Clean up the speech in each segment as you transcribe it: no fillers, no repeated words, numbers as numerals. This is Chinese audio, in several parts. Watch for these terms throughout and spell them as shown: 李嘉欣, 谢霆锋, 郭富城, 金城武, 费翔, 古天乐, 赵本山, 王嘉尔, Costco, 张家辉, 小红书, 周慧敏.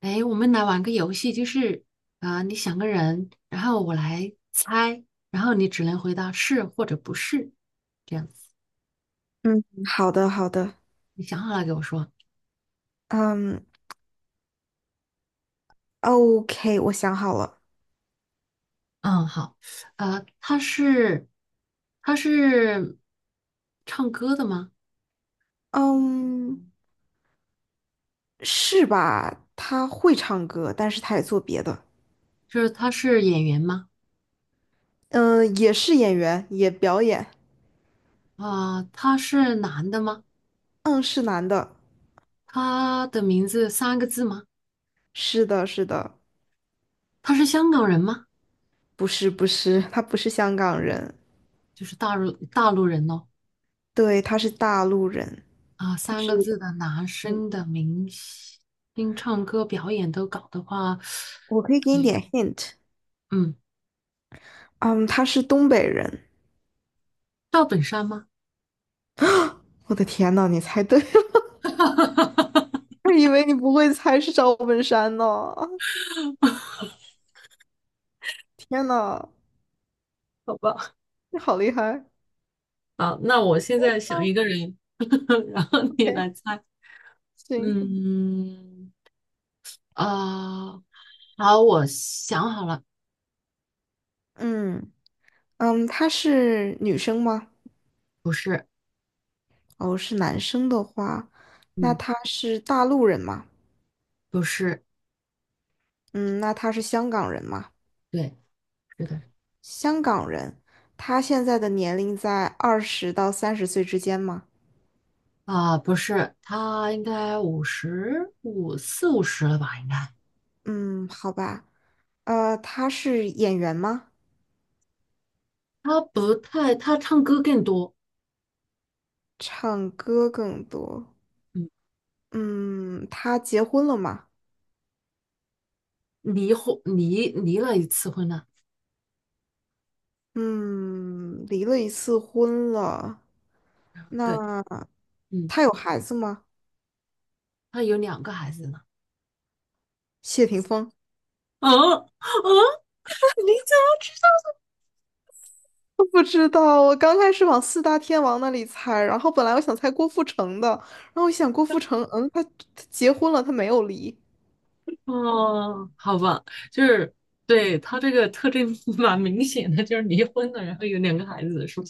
哎，我们来玩个游戏，就是啊、你想个人，然后我来猜，然后你只能回答是或者不是，这样子。嗯，好的，好的。你想好了给我说。嗯，OK，我想好了。嗯，好。呃，他是他是唱歌的吗？嗯，是吧？他会唱歌，但是他也做别的。就是他是演员吗？嗯，也是演员，也表演。啊、他是男的吗？嗯，是男的。他的名字三个字吗？是的，是的。他是香港人吗？不是，不是，他不是香港人。就是大陆人哦。对，他是大陆人。啊，他三是，个字的男嗯，生的明星唱歌表演都搞的话，我可以给你点 hint。嗯，嗯，他是东北人。赵本山吗？我的天呐，你猜对了，我以为你不会猜是赵本山呢，天呐，好吧，你好厉害。啊，那我现在想 OK， 一个人，然后你来猜，行。嗯，啊，好，我想好了，嗯嗯，他是女生吗？不是，哦，是男生的话，那嗯，他是大陆人吗？不是，嗯，那他是香港人吗？对，是的，香港人，他现在的年龄在二十到三十岁之间吗？啊，不是，他应该五十五四五十了吧？应该，嗯，好吧。他是演员吗？他不太，他唱歌更多，唱歌更多。嗯，嗯，他结婚了吗？离了一次婚了，嗯，离了一次婚了。对。那嗯，他有孩子吗？他有两个孩子呢。谢霆锋。嗯嗯，你怎么知道？不知道，我刚开始往四大天王那里猜，然后本来我想猜郭富城的，然后我想郭富城，嗯，他结婚了，他没有离。哦，好吧，就是对他这个特征 蛮明显的，就是离婚了，然后有两个孩子的事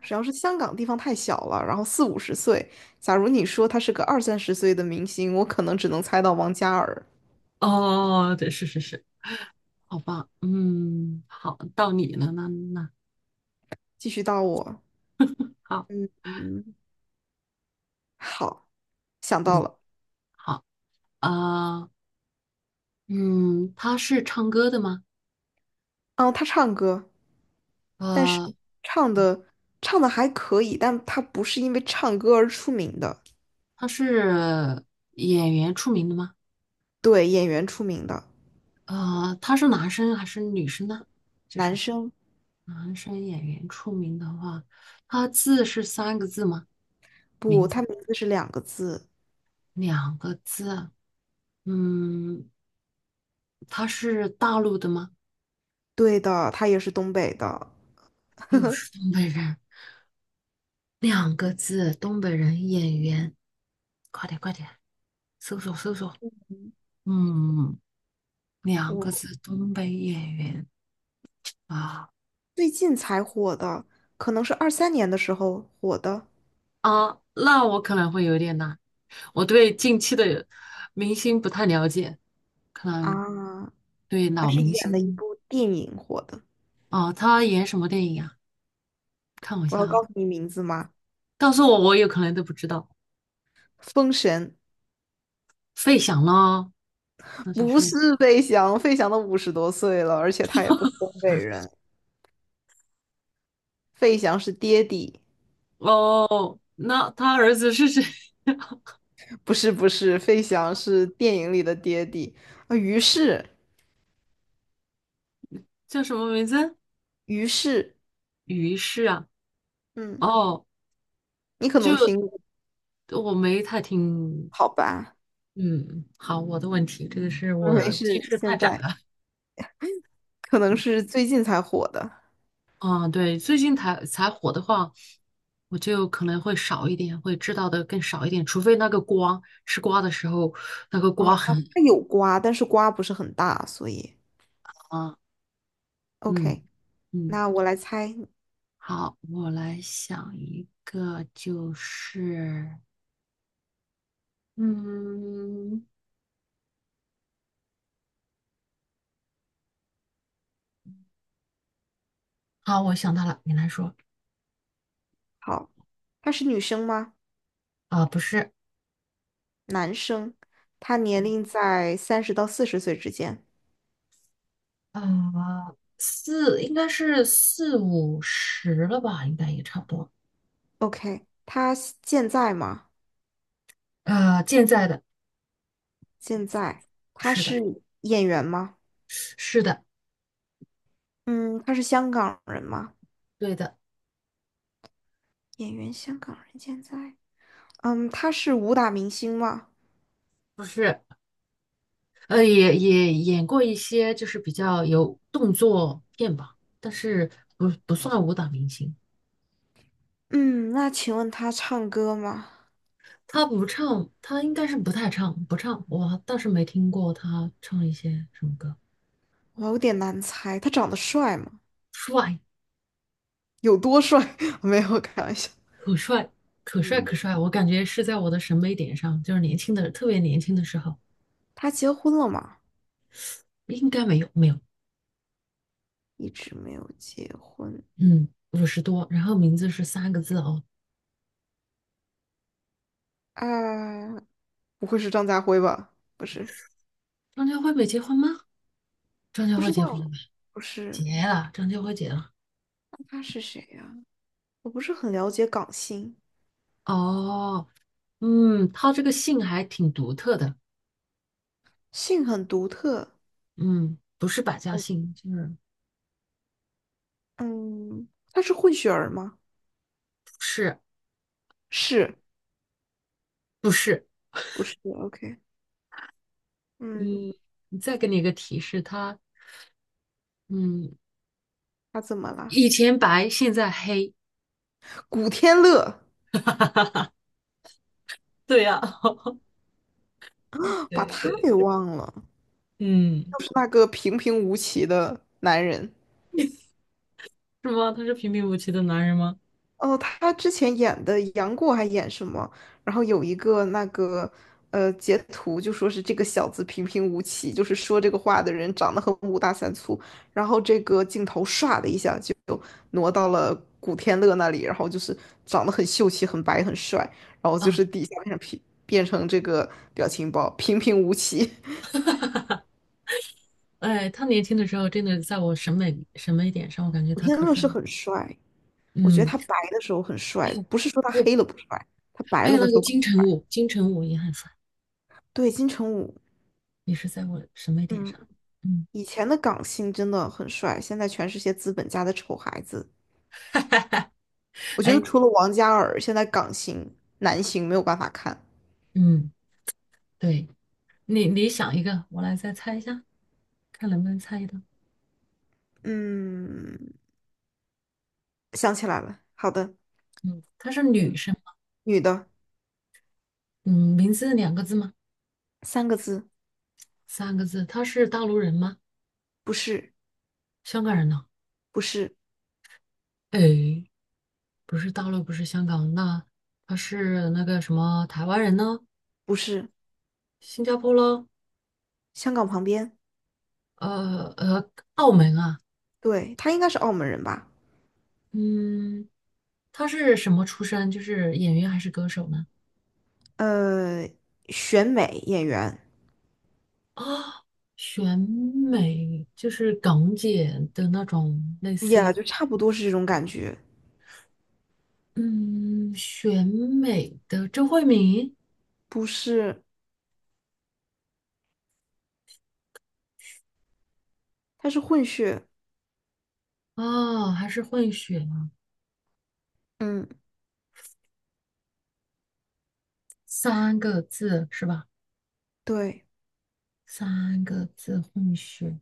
主要是香港地方太小了，然后四五十岁，假如你说他是个二三十岁的明星，我可能只能猜到王嘉尔。哦，对，是是是，好吧，嗯，好，到你了，那继续到我。好，嗯，好，想到嗯，了。好，呃，嗯，他是唱歌的吗？嗯，他唱歌，但是呃，唱的唱的还可以，但他不是因为唱歌而出名的。他是演员出名的吗？对，演员出名的。他是男生还是女生呢？就男是。生。男生演员出名的话，他字是三个字吗？不，名字他名字是两个字。两个字。嗯，他是大陆的吗？对的，他也是东北的。又是东北人，两个字，东北人演员。快点，快点，搜索搜索。嗯，两个我字，东北演员啊最近才火的，可能是二三年的时候火的。啊，那我可能会有点难，我对近期的明星不太了解，可能啊，对他老是明演了一星部电影火的。啊，他演什么电影啊？看我一我下要告啊。诉你名字吗？告诉我，我有可能都不知道。封神。费翔呢？那就不是是费翔，费翔都五十多岁了，而且他也不是东北人。费翔是爹地。哦，那他儿子是谁？不是不是，费翔是电影里的爹地。啊，于是。叫什么名字？于是。于是啊，嗯，哦，你可能听就过。我没太听。好吧？嗯，好，我的问题，这个是没我近事，视太现窄在。了。可能是最近才火的。啊，对，最近才火的话，我就可能会少一点，会知道的更少一点，除非那个瓜吃瓜的时候，那个啊，瓜他很他有瓜，但是瓜不是很大，所以 啊，嗯 OK。嗯。那我来猜。好，我来想一个，就是，嗯，好，我想到了，你来说好，他是女生吗？啊，不是，男生，他年龄在三十到四十岁之间。啊，四应该是四五十了吧，应该也差不多，OK，他现在吗？健在的，现在，他是的，是演员吗？是的，嗯，他是香港人吗？对的，演员，香港人，现在。嗯，他是武打明星吗？不是，也演过一些就是比较有动作片吧，但是不算武打明星，嗯，那请问他唱歌吗？他不唱，他应该是不太唱，不唱。我倒是没听过他唱一些什么歌。我有点难猜，他长得帅吗？帅，有多帅？没有，开玩笑。可帅，可帅，可嗯，帅！我感觉是在我的审美点上，就是年轻的，特别年轻的时候，他结婚了吗？应该没有，没有。一直没有结婚嗯，五十多，然后名字是三个字哦。啊，不会是张家辉吧？不是。张家辉没结婚吗？张家不辉知结婚了道。吧？不结是。了，张家辉结了。那他是谁呀？我不是很了解港星。哦，嗯，他这个姓还挺独特的，姓很独特。嗯，不是百家哦。姓，就是嗯，他是混血儿吗？不是是。不是，不是？OK。嗯。嗯，再给你一个提示，他嗯，他怎么了？以前白，现在黑。古天乐，对呀、把对他对，给忘了，嗯，就是那个平平无奇的男人。是吗？他是平平无奇的男人吗？哦，他之前演的杨过还演什么？然后有一个那个截图，就说是这个小子平平无奇，就是说这个话的人长得很五大三粗。然后这个镜头唰的一下就挪到了古天乐那里，然后就是长得很秀气、很白、很帅，然后就啊，是底下变成平，变成这个表情包，平平无奇。哎，他年轻的时候真的在我审美点上，我感觉古他天可乐帅是了很帅。我觉得嗯，他白的时候很还帅，有不是说他还有黑了不帅，他白还了有的那时个候。金城武，金城武也很帅，对，金城武。也是在我审美点嗯。上。嗯，以前的港星真的很帅，现在全是些资本家的丑孩子。我觉得哎，除了王嘉尔，现在港星男星没有办法看。嗯，对你想一个，我来再猜一下，看能不能猜到。嗯，想起来了，好的。嗯，她是女嗯，生吗？女的。嗯，名字两个字吗？三个字。三个字？她是大陆人吗？不是。香港人呢？不是。哎，不是大陆，不是香港，那他是那个什么台湾人呢？不是。新加坡咯，香港旁边。呃呃，澳门啊，对，他应该是澳门人吧？嗯，他是什么出身？就是演员还是歌手呢？呃，选美演员。啊，选美就是港姐的那种类也似，就差不多是这种感觉。嗯，选美的周慧敏不是，他是混血。啊，还是混血啊？嗯。三个字是吧？对，三个字混血，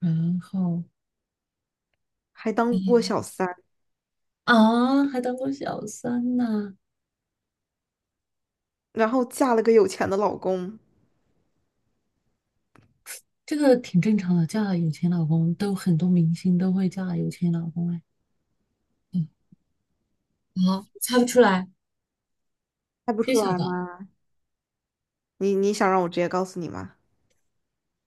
然后还当过小三，啊，还当过小三呢。然后嫁了个有钱的老公。这个挺正常的，嫁了有钱老公都很多明星都会嫁有钱老公哎。嗯，啊，猜不出来，猜不不出晓来得。吗？你你想让我直接告诉你吗？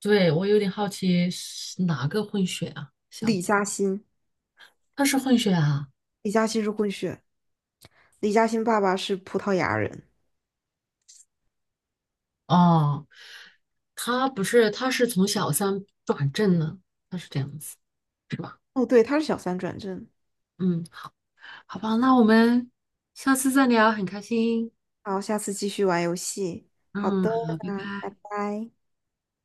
对，我有点好奇是哪个混血啊？小李姐，嘉欣。她是混血啊？李嘉欣是混血，李嘉欣爸爸是葡萄牙人。哦，她不是，她是从小三转正了，她是这样子，是吧？哦，对，他是小三转正。嗯，好吧，那我们下次再聊，很开心。好，下次继续玩游戏。好嗯，的，好，拜那拜拜。拜。